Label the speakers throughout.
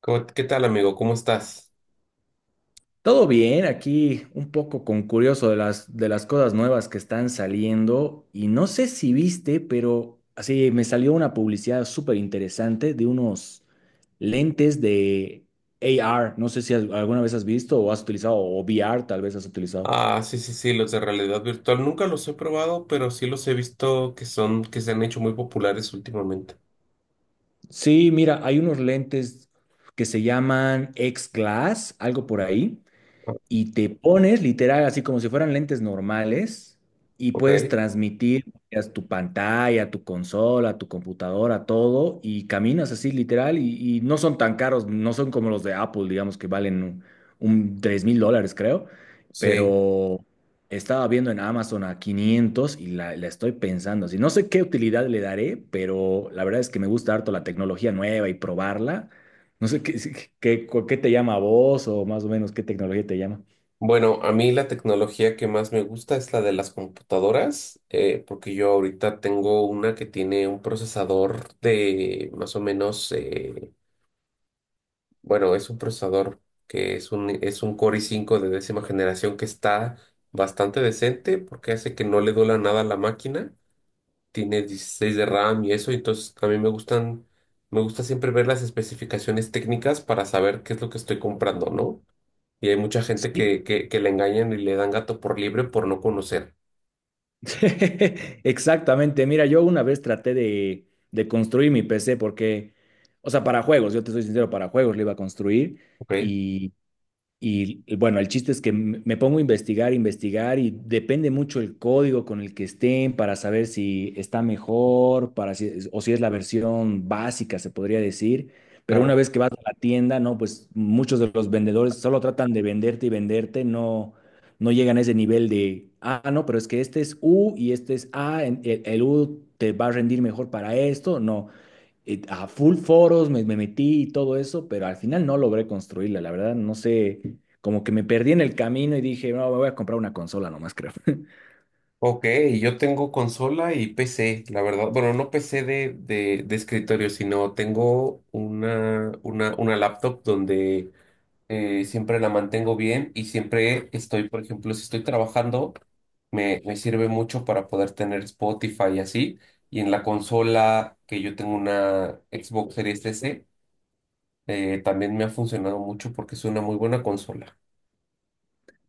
Speaker 1: ¿Qué tal, amigo? ¿Cómo estás?
Speaker 2: Todo bien, aquí un poco con curioso de las cosas nuevas que están saliendo y no sé si viste, pero así me salió una publicidad súper interesante de unos lentes de AR, no sé si alguna vez has visto o has utilizado, o VR tal vez has utilizado.
Speaker 1: Sí, sí, sí, los de realidad virtual nunca los he probado, pero sí los he visto que son, que se han hecho muy populares últimamente.
Speaker 2: Sí, mira, hay unos lentes que se llaman X-Glass, algo por ahí.
Speaker 1: Ah,
Speaker 2: Y te pones literal así como si fueran lentes normales y
Speaker 1: Ok,
Speaker 2: puedes transmitir a tu pantalla, a tu consola, a tu computadora, todo y caminas así literal y no son tan caros, no son como los de Apple, digamos que valen un 3 mil dólares creo,
Speaker 1: sí.
Speaker 2: pero estaba viendo en Amazon a 500 y la estoy pensando así. No sé qué utilidad le daré, pero la verdad es que me gusta harto la tecnología nueva y probarla. No sé qué, qué te llama a vos o más o menos qué tecnología te llama.
Speaker 1: Bueno, a mí la tecnología que más me gusta es la de las computadoras, porque yo ahorita tengo una que tiene un procesador de más o menos, bueno, es un procesador que es un Core i5 de décima generación que está bastante decente porque hace que no le duela nada a la máquina. Tiene 16 de RAM y eso, entonces a mí me gustan, me gusta siempre ver las especificaciones técnicas para saber qué es lo que estoy comprando, ¿no? Y hay mucha gente
Speaker 2: Sí.
Speaker 1: que le engañan y le dan gato por libre por no conocer.
Speaker 2: Exactamente. Mira, yo una vez traté de construir mi PC porque, o sea, para juegos, yo te soy sincero, para juegos lo iba a construir
Speaker 1: ¿Ok?
Speaker 2: y, y bueno, el chiste es que me pongo a investigar, investigar y depende mucho el código con el que estén para saber si está mejor, para si o si es la versión básica, se podría decir. Pero una
Speaker 1: Claro.
Speaker 2: vez que vas a la tienda, no, pues muchos de los vendedores solo tratan de venderte y venderte, no, no llegan a ese nivel de, ah, no, pero es que este es U y este es A, el U te va a rendir mejor para esto. No, a full foros me metí y todo eso, pero al final no logré construirla, la verdad, no sé, como que me perdí en el camino y dije, no, me voy a comprar una consola nomás, creo.
Speaker 1: Ok, yo tengo consola y PC, la verdad. Bueno, no PC de escritorio, sino tengo una laptop donde siempre la mantengo bien y siempre estoy, por ejemplo, si estoy trabajando, me sirve mucho para poder tener Spotify y así. Y en la consola, que yo tengo una Xbox Series S, también me ha funcionado mucho porque es una muy buena consola.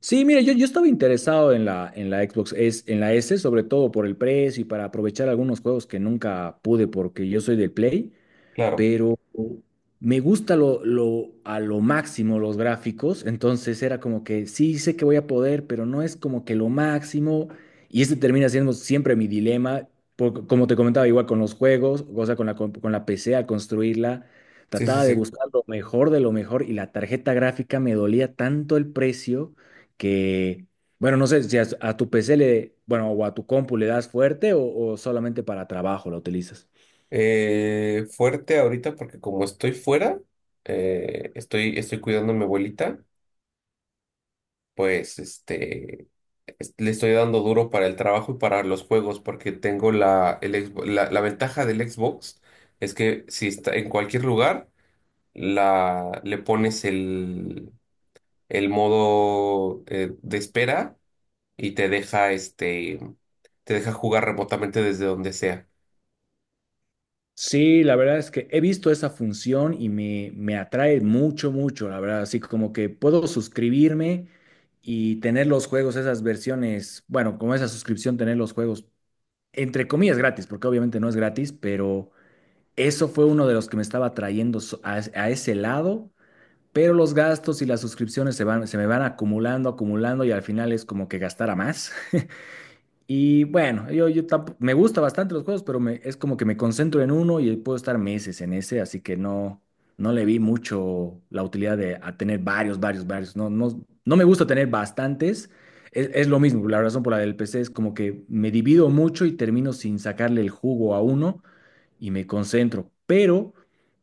Speaker 2: Sí, mire, yo estaba interesado en en la Xbox S, en la S, sobre todo por el precio y para aprovechar algunos juegos que nunca pude porque yo soy del Play.
Speaker 1: Claro,
Speaker 2: Pero me gusta a lo máximo los gráficos, entonces era como que sí sé que voy a poder, pero no es como que lo máximo, y este termina siendo siempre mi dilema, como te comentaba, igual con los juegos, o sea, con con la PC al construirla,
Speaker 1: sí, sí,
Speaker 2: trataba de
Speaker 1: sí.
Speaker 2: buscar lo mejor de lo mejor, y la tarjeta gráfica me dolía tanto el precio que... Bueno, no sé si a tu PC le, bueno, o a tu compu le das fuerte o solamente para trabajo la utilizas.
Speaker 1: Fuerte ahorita porque como estoy fuera, estoy cuidando a mi abuelita, pues le estoy dando duro para el trabajo y para los juegos porque tengo la ventaja del Xbox es que si está en cualquier lugar, le pones el modo de espera y te deja jugar remotamente desde donde sea.
Speaker 2: Sí, la verdad es que he visto esa función y me atrae mucho, mucho, la verdad. Así como que puedo suscribirme y tener los juegos, esas versiones, bueno, como esa suscripción, tener los juegos, entre comillas, gratis, porque obviamente no es gratis, pero eso fue uno de los que me estaba atrayendo a ese lado. Pero los gastos y las suscripciones se van, se me van acumulando, acumulando y al final es como que gastara más. Y bueno, me gusta bastante los juegos, pero me, es como que me concentro en uno y puedo estar meses en ese, así que no, no le vi mucho la utilidad de a tener varios, varios, varios. No, no, no me gusta tener bastantes. Es lo mismo, la razón por la del PC es como que me divido mucho y termino sin sacarle el jugo a uno y me concentro. Pero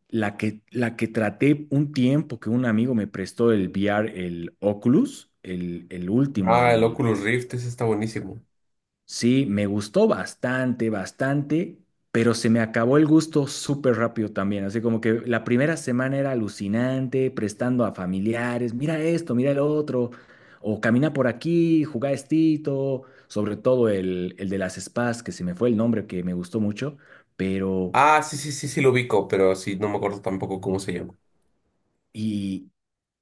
Speaker 2: la que traté un tiempo que un amigo me prestó el VR, el Oculus, el último.
Speaker 1: Ah, el Oculus Rift, ese está buenísimo.
Speaker 2: Sí, me gustó bastante, bastante, pero se me acabó el gusto súper rápido también. Así como que la primera semana era alucinante, prestando a familiares, mira esto, mira el otro, o camina por aquí, juega estito, sobre todo el de las spas, que se me fue el nombre, que me gustó mucho, pero...
Speaker 1: Ah, sí, sí, sí, sí lo ubico, pero sí, no me acuerdo tampoco cómo se llama.
Speaker 2: y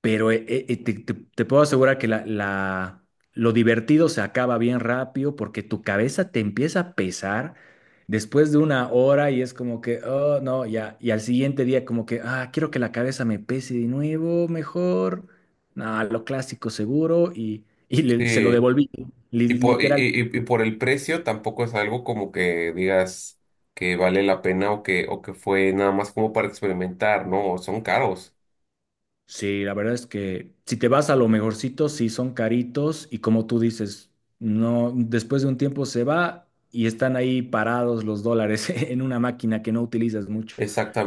Speaker 2: te puedo asegurar que lo divertido se acaba bien rápido porque tu cabeza te empieza a pesar después de una hora y es como que, oh, no, ya, y al siguiente día como que, ah, quiero que la cabeza me pese de nuevo, mejor, no, lo clásico seguro se lo
Speaker 1: Sí.
Speaker 2: devolví,
Speaker 1: Y por, y,
Speaker 2: literalmente.
Speaker 1: y por el precio tampoco es algo como que digas que vale la pena o que fue nada más como para experimentar, ¿no? Son caros.
Speaker 2: Sí, la verdad es que si te vas a lo mejorcito, sí son caritos y como tú dices, no, después de un tiempo se va y están ahí parados los dólares en una máquina que no utilizas mucho.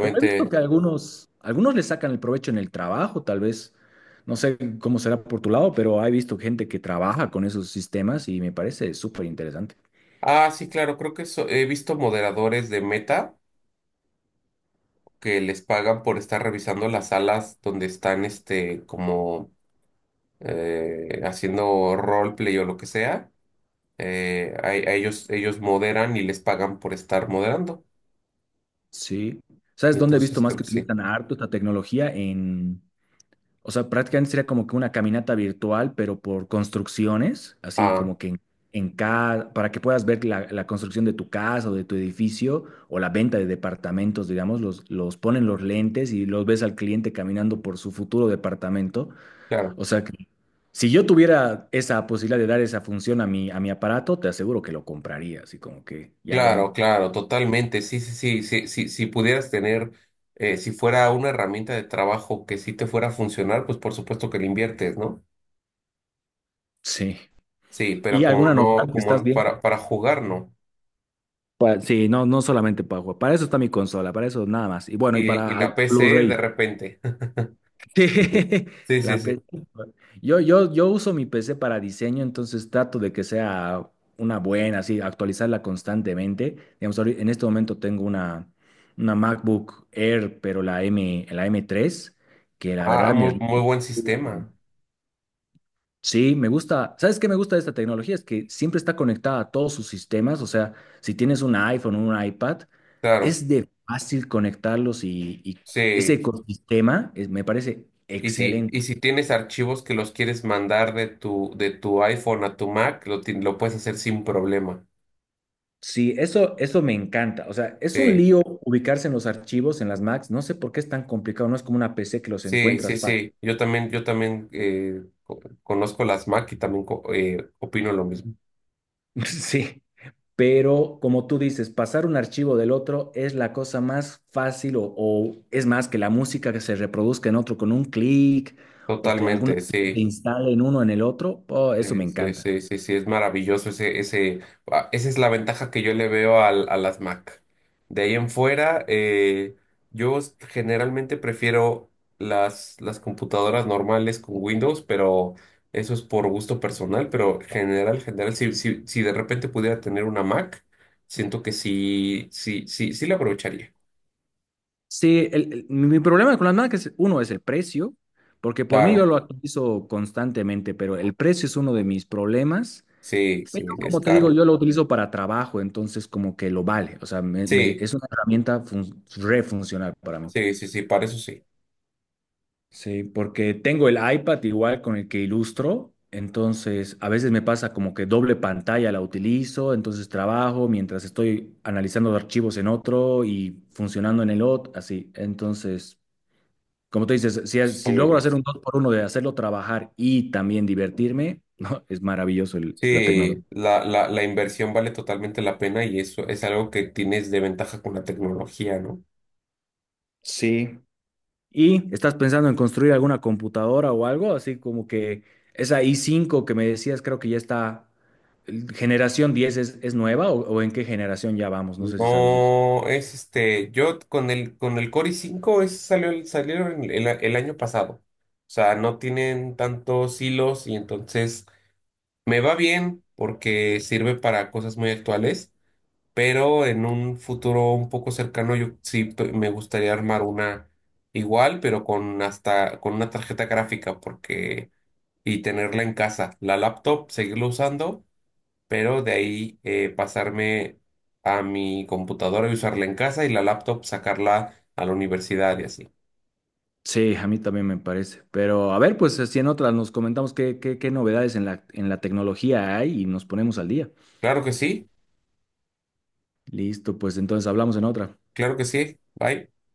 Speaker 2: Pero he visto que algunos, algunos le sacan el provecho en el trabajo, tal vez. No sé cómo será por tu lado, pero he visto gente que trabaja con esos sistemas y me parece súper interesante.
Speaker 1: Ah, sí, claro, creo que he visto moderadores de Meta que les pagan por estar revisando las salas donde están, como haciendo roleplay o lo que sea. A ellos, ellos moderan y les pagan por estar moderando.
Speaker 2: Sí. ¿Sabes
Speaker 1: Y
Speaker 2: dónde he visto
Speaker 1: entonces
Speaker 2: más
Speaker 1: creo
Speaker 2: que
Speaker 1: que sí.
Speaker 2: utilizan harto esta tecnología? ¿En? O sea, prácticamente sería como que una caminata virtual, pero por construcciones, así
Speaker 1: Ah,
Speaker 2: como que en cada, para que puedas ver la construcción de tu casa o de tu edificio o la venta de departamentos, digamos, los ponen los lentes y los ves al cliente caminando por su futuro departamento.
Speaker 1: claro.
Speaker 2: O sea, que si yo tuviera esa posibilidad de dar esa función a a mi aparato, te aseguro que lo compraría, así como que, ya, bueno,
Speaker 1: Claro, claro, totalmente. Sí, sí, sí, sí, sí, si pudieras tener, si fuera una herramienta de trabajo que sí te fuera a funcionar, pues por supuesto que le inviertes, ¿no?
Speaker 2: sí.
Speaker 1: Sí,
Speaker 2: ¿Y
Speaker 1: pero como
Speaker 2: alguna
Speaker 1: no,
Speaker 2: novedad que estás
Speaker 1: como
Speaker 2: viendo?
Speaker 1: para jugar, no.
Speaker 2: Sí, no, no solamente para jugar. Para eso está mi consola, para eso nada más. Y bueno, y
Speaker 1: Y
Speaker 2: para
Speaker 1: la
Speaker 2: algún
Speaker 1: PC de
Speaker 2: Blu-ray.
Speaker 1: repente.
Speaker 2: Sí,
Speaker 1: Sí, sí,
Speaker 2: la P-
Speaker 1: sí.
Speaker 2: C. pues, yo uso mi PC para diseño, entonces trato de que sea una buena, así, actualizarla constantemente. Digamos, en este momento tengo una MacBook Air, pero la M3, que la
Speaker 1: Ah,
Speaker 2: verdad me
Speaker 1: muy, muy
Speaker 2: rinde.
Speaker 1: buen sistema.
Speaker 2: Sí, me gusta. ¿Sabes qué me gusta de esta tecnología? Es que siempre está conectada a todos sus sistemas. O sea, si tienes un iPhone o un iPad,
Speaker 1: Claro,
Speaker 2: es de fácil y ese
Speaker 1: sí.
Speaker 2: ecosistema me parece
Speaker 1: Y
Speaker 2: excelente.
Speaker 1: si tienes archivos que los quieres mandar de tu iPhone a tu Mac, lo puedes hacer sin problema.
Speaker 2: Sí, eso me encanta. O sea, es un
Speaker 1: Sí.
Speaker 2: lío ubicarse en los archivos, en las Macs. No sé por qué es tan complicado. No es como una PC que los
Speaker 1: Sí, sí,
Speaker 2: encuentras fácil.
Speaker 1: sí. Yo también conozco las Mac y también opino lo mismo.
Speaker 2: Sí. Pero como tú dices, pasar un archivo del otro es la cosa más fácil o es más que la música que se reproduzca en otro con un clic o que alguna
Speaker 1: Totalmente,
Speaker 2: se
Speaker 1: sí.
Speaker 2: instale en uno en el otro. Oh, eso me
Speaker 1: Sí,
Speaker 2: encanta.
Speaker 1: sí, sí, sí, es maravilloso esa es la ventaja que yo le veo a las Mac. De ahí en fuera, yo generalmente prefiero las computadoras normales con Windows, pero eso es por gusto personal, pero general, general, si, si, si de repente pudiera tener una Mac, siento que sí, sí, sí, sí la aprovecharía.
Speaker 2: Sí, mi problema con las marcas, uno es el precio, porque por mí yo
Speaker 1: Claro,
Speaker 2: lo utilizo constantemente, pero el precio es uno de mis problemas.
Speaker 1: sí, sí,
Speaker 2: Pero
Speaker 1: es
Speaker 2: como te digo,
Speaker 1: caro.
Speaker 2: yo lo utilizo para trabajo, entonces como que lo vale. O sea,
Speaker 1: Sí,
Speaker 2: es una herramienta re funcional para mí.
Speaker 1: sí, sí, sí, para eso sí. Eso
Speaker 2: Sí, porque tengo el iPad igual con el que ilustro, entonces a veces me pasa como que doble pantalla la utilizo, entonces trabajo mientras estoy analizando archivos en otro y funcionando en el otro, así. Entonces, como tú dices, si,
Speaker 1: está
Speaker 2: si
Speaker 1: muy
Speaker 2: logro
Speaker 1: bien.
Speaker 2: hacer un dos por uno de hacerlo trabajar y también divertirme, ¿no? Es maravilloso la
Speaker 1: Sí,
Speaker 2: tecnología.
Speaker 1: la inversión vale totalmente la pena y eso es algo que tienes de ventaja con la tecnología, ¿no?
Speaker 2: Sí, ¿y estás pensando en construir alguna computadora o algo? Así como que esa i5 que me decías, creo que ya está, generación 10 es nueva o en qué generación ya vamos, no sé si sabes de eso.
Speaker 1: No, es este, yo con el Core i5 es, salió, salieron el año pasado. O sea, no tienen tantos hilos y entonces me va bien porque sirve para cosas muy actuales, pero en un futuro un poco cercano yo sí me gustaría armar una igual, pero con hasta con una tarjeta gráfica porque y tenerla en casa, la laptop seguirla usando, pero de ahí pasarme a mi computadora y usarla en casa y la laptop sacarla a la universidad y así.
Speaker 2: Sí, a mí también me parece. Pero a ver, pues si en otras nos comentamos qué novedades en en la tecnología hay y nos ponemos al día.
Speaker 1: Claro que sí,
Speaker 2: Listo, pues entonces hablamos en otra.
Speaker 1: claro que sí. Bye.